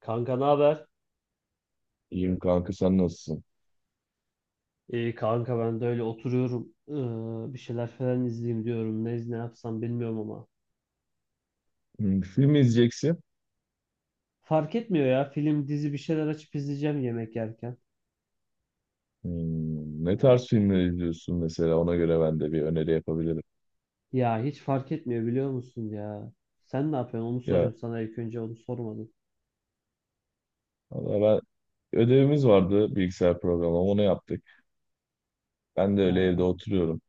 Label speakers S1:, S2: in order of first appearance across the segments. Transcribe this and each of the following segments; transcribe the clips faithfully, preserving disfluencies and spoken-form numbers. S1: Kanka ne haber?
S2: İyiyim kanka, sen nasılsın?
S1: İyi kanka ben de öyle oturuyorum. Ee, bir şeyler falan izleyeyim diyorum. Ne, ne yapsam bilmiyorum ama.
S2: Hmm, film izleyeceksin.
S1: Fark etmiyor ya. Film, dizi bir şeyler açıp izleyeceğim yemek yerken.
S2: Hmm, ne tarz
S1: Ee,
S2: filmler izliyorsun mesela? Ona göre ben de bir öneri yapabilirim.
S1: Ya hiç fark etmiyor biliyor musun ya. Sen ne yapıyorsun? Onu
S2: Ya
S1: sorayım sana, ilk önce onu sormadım.
S2: valla, ben ödevimiz vardı, bilgisayar programı, onu yaptık. Ben de öyle evde
S1: Ha,
S2: oturuyorum.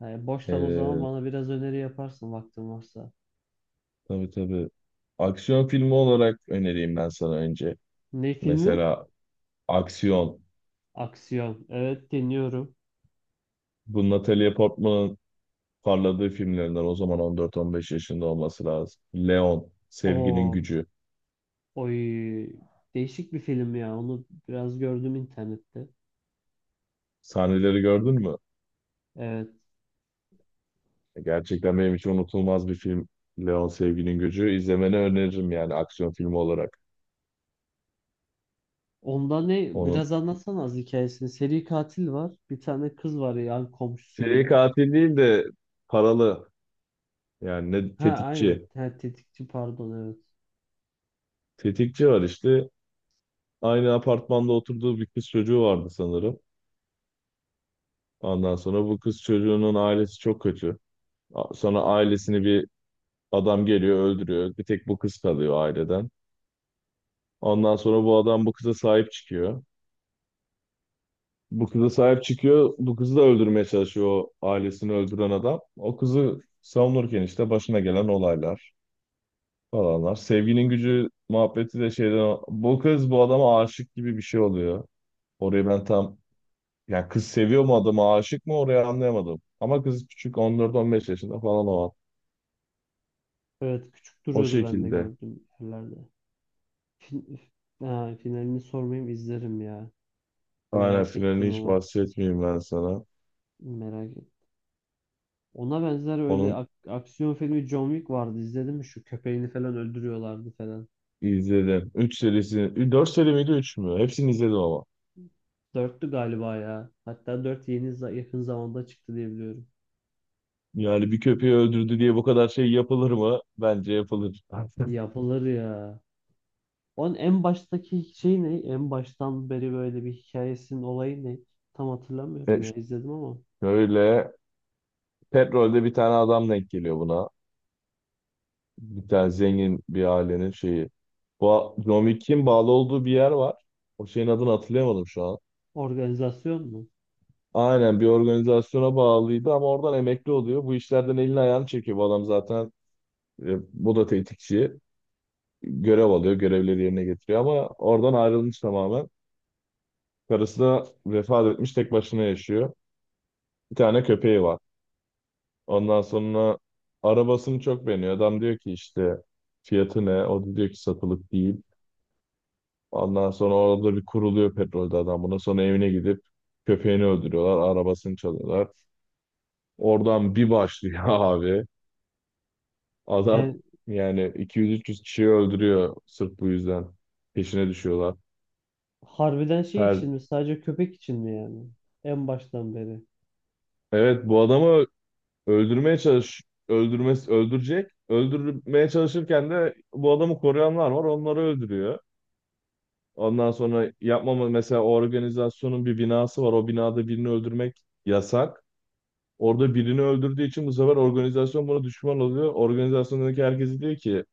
S1: ha, Boştan o zaman
S2: Ee,
S1: bana biraz öneri yaparsın vaktin varsa.
S2: tabii tabii. Aksiyon filmi olarak önereyim ben sana önce.
S1: Ne filmi?
S2: Mesela aksiyon.
S1: Aksiyon. Evet, dinliyorum.
S2: Bu Natalie Portman'ın parladığı filmlerinden, o zaman on dört on beş yaşında olması lazım. Leon, Sevginin
S1: Oo,
S2: Gücü.
S1: oy. Değişik bir film ya. Onu biraz gördüm internette.
S2: Sahneleri gördün mü?
S1: Evet.
S2: Gerçekten benim için unutulmaz bir film. Leon Sevginin Gücü. İzlemeni öneririm yani, aksiyon filmi olarak.
S1: Onda ne?
S2: Onun
S1: Biraz anlatsana az hikayesini. Seri katil var. Bir tane kız var, yani komşusu mu
S2: seri
S1: ne?
S2: katil değil de paralı yani, ne,
S1: Ha aynen.
S2: tetikçi.
S1: Ha, tetikçi pardon, evet.
S2: Tetikçi var işte. Aynı apartmanda oturduğu bir kız çocuğu vardı sanırım. Ondan sonra bu kız çocuğunun ailesi çok kötü. A- Sonra ailesini bir adam geliyor öldürüyor. Bir tek bu kız kalıyor aileden. Ondan sonra bu adam bu kıza sahip çıkıyor. Bu kıza sahip çıkıyor. Bu kızı da öldürmeye çalışıyor o ailesini öldüren adam. O kızı savunurken işte başına gelen olaylar falanlar. Sevginin gücü muhabbeti de şeyden, bu kız bu adama aşık gibi bir şey oluyor. Orayı ben tam yani, kız seviyor mu adamı, aşık mı, orayı anlayamadım. Ama kız küçük, on dört on beş yaşında falan o an.
S1: Evet, küçük
S2: O
S1: duruyordu, ben de
S2: şekilde.
S1: gördüm yerlerde. Fin- ha, finalini sormayayım, izlerim ya.
S2: Aynen,
S1: Merak
S2: finalini
S1: ettim
S2: hiç
S1: ama.
S2: bahsetmeyeyim ben sana.
S1: Merak ettim. Ona benzer öyle
S2: Onun
S1: ak- aksiyon filmi John Wick vardı. İzledin mi, şu köpeğini falan öldürüyorlardı falan.
S2: izledim. Üç serisi, dört seri miydi üç mü? Hepsini izledim ama.
S1: Dörtlü galiba ya. Hatta dört yeni za- yakın zamanda çıktı diye biliyorum.
S2: Yani bir köpeği öldürdü diye bu kadar şey yapılır mı? Bence yapılır.
S1: Yapılır ya. Onun en baştaki şey ne? En baştan beri böyle bir hikayesinin olayı ne? Tam hatırlamıyorum ya,
S2: E,
S1: izledim ama.
S2: şöyle, petrolde bir tane adam denk geliyor buna. Bir tane zengin bir ailenin şeyi. Bu John Wick'in bağlı olduğu bir yer var. O şeyin adını hatırlayamadım şu an.
S1: Organizasyon mu?
S2: Aynen, bir organizasyona bağlıydı ama oradan emekli oluyor. Bu işlerden elini ayağını çekiyor. Bu adam zaten, e, bu da tetikçi. Görev alıyor, görevleri yerine getiriyor ama oradan ayrılmış tamamen. Karısı da vefat etmiş, tek başına yaşıyor. Bir tane köpeği var. Ondan sonra arabasını çok beğeniyor. Adam diyor ki işte fiyatı ne? O da diyor ki satılık değil. Ondan sonra orada bir kuruluyor petrolde adam buna. Sonra evine gidip köpeğini öldürüyorlar. Arabasını çalıyorlar. Oradan bir başlıyor abi. Adam
S1: Yani
S2: yani iki yüz üç yüz kişiyi öldürüyor sırf bu yüzden. Peşine düşüyorlar.
S1: harbiden şey
S2: Her
S1: için mi? Sadece köpek için mi yani? En baştan beri.
S2: evet, bu adamı öldürmeye çalış, öldürmesi öldürecek. Öldürmeye çalışırken de bu adamı koruyanlar var. Onları öldürüyor. Ondan sonra yapmama mesela, o organizasyonun bir binası var. O binada birini öldürmek yasak. Orada birini öldürdüğü için bu sefer organizasyon buna düşman oluyor. Organizasyondaki herkes diyor ki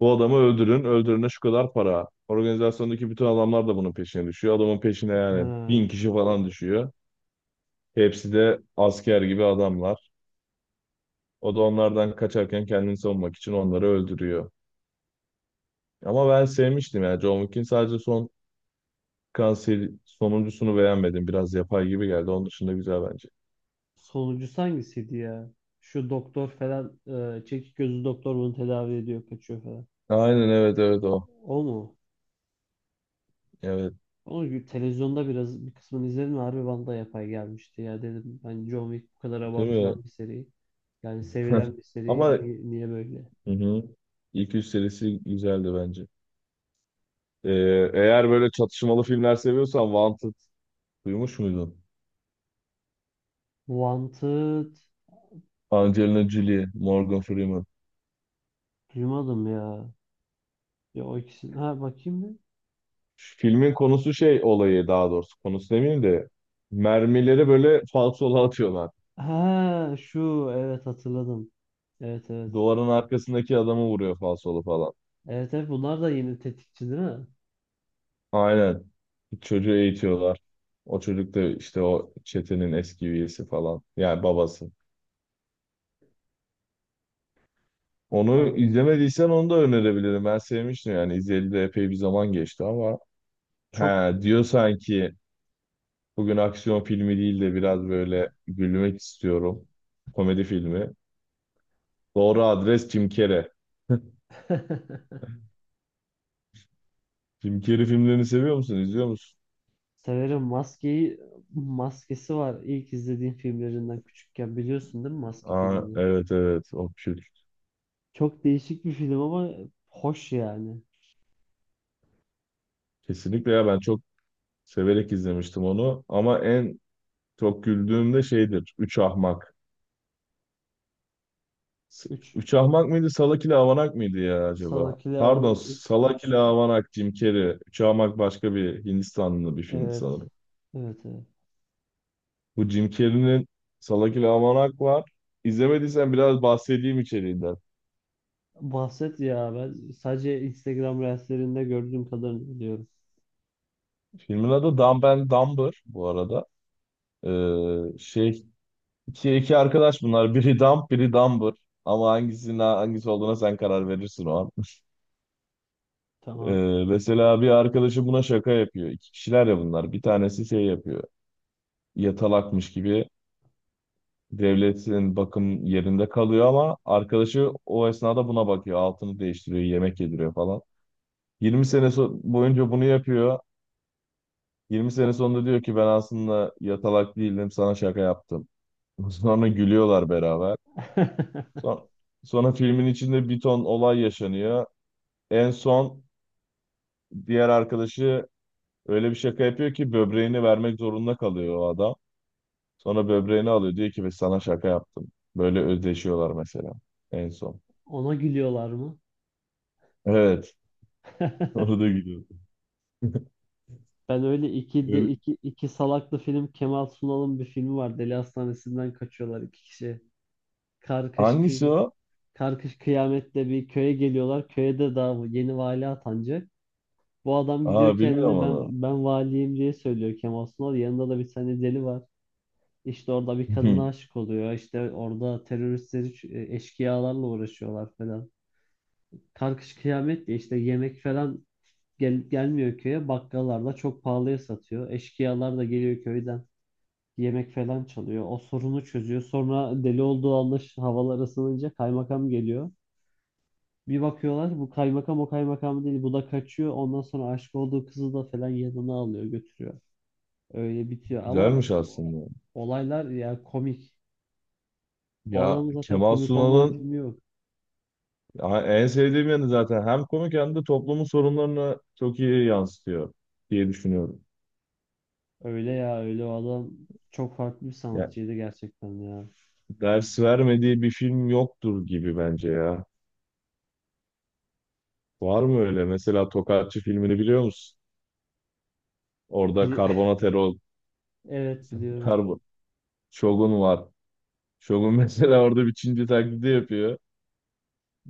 S2: bu adamı öldürün, öldürene şu kadar para. Organizasyondaki bütün adamlar da bunun peşine düşüyor. Adamın peşine yani bin
S1: Ha.
S2: kişi falan düşüyor. Hepsi de asker gibi adamlar. O da onlardan kaçarken kendini savunmak için onları öldürüyor. Ama ben sevmiştim yani, John Wick'in sadece son, Kanser, sonuncusunu beğenmedim. Biraz yapay gibi geldi. Onun dışında güzel bence.
S1: Sonuncusu hangisiydi ya? Şu doktor falan, e, çekik gözlü doktor bunu tedavi ediyor, kaçıyor falan.
S2: Aynen, evet evet, o.
S1: O mu?
S2: Evet,
S1: Ama bir televizyonda biraz bir kısmını izledim. Ve harbi bana da yapay gelmişti. Ya dedim, ben John Wick bu kadar
S2: değil mi?
S1: abartılan bir seri. Yani sevilen bir seri.
S2: Ama
S1: Niye, niye böyle?
S2: hı hı. İlk üç serisi güzeldi bence. Ee, eğer böyle çatışmalı filmler seviyorsan, Wanted, duymuş muydun?
S1: Wanted
S2: Angelina Jolie, Morgan Freeman.
S1: duymadım ya. Ya o ikisini. Ha, bakayım mı?
S2: Filmin konusu şey, olayı, daha doğrusu konusu demeyeyim de mermileri böyle falsola atıyorlar.
S1: Ha şu, evet, hatırladım. Evet, evet.
S2: Duvarın arkasındaki adamı vuruyor falsolu falan.
S1: Evet, evet, bunlar da yeni tetikçi değil mi?
S2: Aynen. Çocuğu eğitiyorlar. O çocuk da işte o çetenin eski üyesi falan. Yani babası. Onu
S1: Vallahi
S2: izlemediysen onu da önerebilirim. Ben sevmiştim yani. İzleyeli de epey bir zaman geçti ama.
S1: çok
S2: He, diyor sanki bugün aksiyon filmi değil de biraz böyle gülmek istiyorum. Komedi filmi. Doğru adres Jim Carrey. Jim Carrey filmlerini seviyor musun? İzliyor musun?
S1: severim. Maskeyi maskesi var. İlk izlediğim filmlerinden küçükken, biliyorsun değil mi Maske
S2: Aa,
S1: filmini?
S2: evet evet. O kült.
S1: Çok değişik bir film ama hoş yani.
S2: Kesinlikle ya, ben çok severek izlemiştim onu. Ama en çok güldüğüm de şeydir. Üç Ahmak. S-
S1: üç
S2: Uçahmak mıydı, Salak ile Avanak mıydı ya acaba?
S1: Salakili Havana
S2: Pardon, Salak
S1: üç,
S2: ile Avanak, Jim Carrey. Uçahmak başka bir Hindistanlı bir filmdi
S1: evet.
S2: sanırım.
S1: Evet, evet.
S2: Bu Jim Carrey'nin Salak ile Avanak var. İzlemediysen biraz bahsedeyim içeriğinden.
S1: Bahset ya, ben sadece Instagram Reels'lerinde gördüğüm kadarını biliyorum.
S2: Filmin adı Dumb and Dumber bu arada. Ee, şey iki, iki arkadaş bunlar. Biri Dumb, biri Dumber. Ama hangisinin hangisi olduğuna sen karar verirsin o an. Ee,
S1: Tamam.
S2: mesela bir arkadaşı buna şaka yapıyor. İki kişiler ya bunlar. Bir tanesi şey yapıyor, yatalakmış gibi, devletin bakım yerinde kalıyor ama arkadaşı o esnada buna bakıyor. Altını değiştiriyor, yemek yediriyor falan. Yirmi sene so- boyunca bunu yapıyor. Yirmi sene sonunda diyor ki ben aslında yatalak değildim, sana şaka yaptım. Sonra gülüyorlar beraber. Son- sonra filmin içinde bir ton olay yaşanıyor. En son diğer arkadaşı öyle bir şaka yapıyor ki böbreğini vermek zorunda kalıyor o adam. Sonra böbreğini alıyor diyor ki ben sana şaka yaptım. Böyle özdeşiyorlar mesela en son.
S1: Ona gülüyorlar mı?
S2: Evet. Orada gidiyor.
S1: Ben öyle iki de
S2: Öyle-
S1: iki, iki salaklı film, Kemal Sunal'ın bir filmi var. Deli Hastanesi'nden kaçıyorlar iki kişi. Karkış
S2: Hangisi
S1: kıy
S2: o?
S1: Karkış kıyamette bir köye geliyorlar. Köyde daha yeni vali atanacak. Bu adam gidiyor,
S2: Aa, bilmiyorum
S1: kendini
S2: onu.
S1: ben ben valiyim diye söylüyor, Kemal Sunal. Yanında da bir tane deli var. İşte orada bir kadına aşık oluyor. İşte orada teröristleri, ç- e, eşkıyalarla uğraşıyorlar falan. Karkış kıyamet diye işte yemek falan gel, gelmiyor köye. Bakkallar da çok pahalıya satıyor. Eşkıyalar da geliyor köyden, yemek falan çalıyor. O sorunu çözüyor. Sonra deli olduğu anlaş, havalar ısınınca kaymakam geliyor. Bir bakıyorlar, bu kaymakam o kaymakam değil. Bu da kaçıyor. Ondan sonra aşık olduğu kızı da falan yanına alıyor, götürüyor. Öyle bitiyor ama
S2: Güzelmiş
S1: o- o-
S2: aslında.
S1: olaylar ya komik. O
S2: Ya
S1: adamın zaten
S2: Kemal
S1: komik olmayan
S2: Sunal'ın,
S1: filmi yok.
S2: ya en sevdiğim yanı zaten hem komik hem de toplumun sorunlarını çok iyi yansıtıyor diye düşünüyorum.
S1: Öyle ya, öyle, o adam çok farklı bir
S2: Ya,
S1: sanatçıydı gerçekten ya.
S2: ders vermediği bir film yoktur gibi bence ya. Var mı öyle? Mesela Tokatçı filmini biliyor musun? Orada
S1: Bir-
S2: karbonatero,
S1: Evet, biliyorum.
S2: karbon, Shogun var. Shogun mesela orada bir Çinci taklidi yapıyor.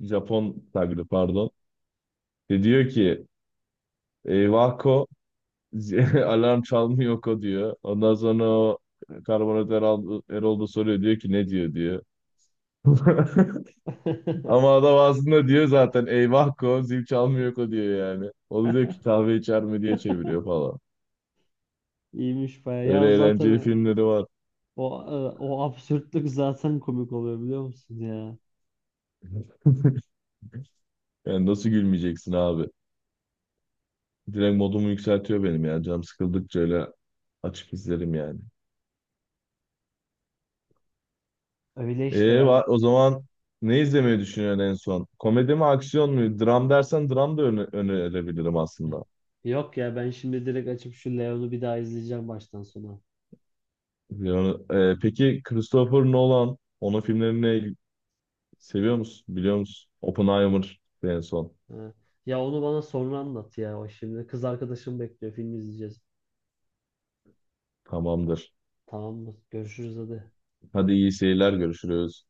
S2: Japon taklidi, pardon. Ve diyor ki eyvah ko alarm çalmıyor ko diyor. Ondan sonra o karbonatör Erol, Erol da soruyor, diyor ki ne diyor diyor. Ama adam aslında diyor zaten eyvah ko, zil çalmıyor ko diyor yani. O da diyor ki kahve içer mi diye çeviriyor falan.
S1: İyiymiş baya. Ya o
S2: Öyle eğlenceli
S1: zaten
S2: filmleri var.
S1: o e, o absürtlük zaten komik oluyor, biliyor musun ya.
S2: Yani nasıl gülmeyeceksin abi? Direkt modumu yükseltiyor benim yani. Canım sıkıldıkça öyle açıp izlerim yani.
S1: Öyle işte
S2: Ee,
S1: ben
S2: va- o zaman ne izlemeyi düşünüyorsun en son? Komedi mi, aksiyon mu? Dram dersen dram da öne önerebilirim aslında.
S1: Yok ya, ben şimdi direkt açıp şu Leon'u bir daha izleyeceğim baştan sona.
S2: Yani, e, peki Christopher Nolan, onun filmlerini seviyor musun? Biliyor musun? Oppenheimer en son.
S1: Ha. Ya onu bana sonra anlat ya. O şimdi kız arkadaşım bekliyor, film izleyeceğiz.
S2: Tamamdır.
S1: Tamamdır. Görüşürüz hadi.
S2: Hadi iyi seyirler, görüşürüz.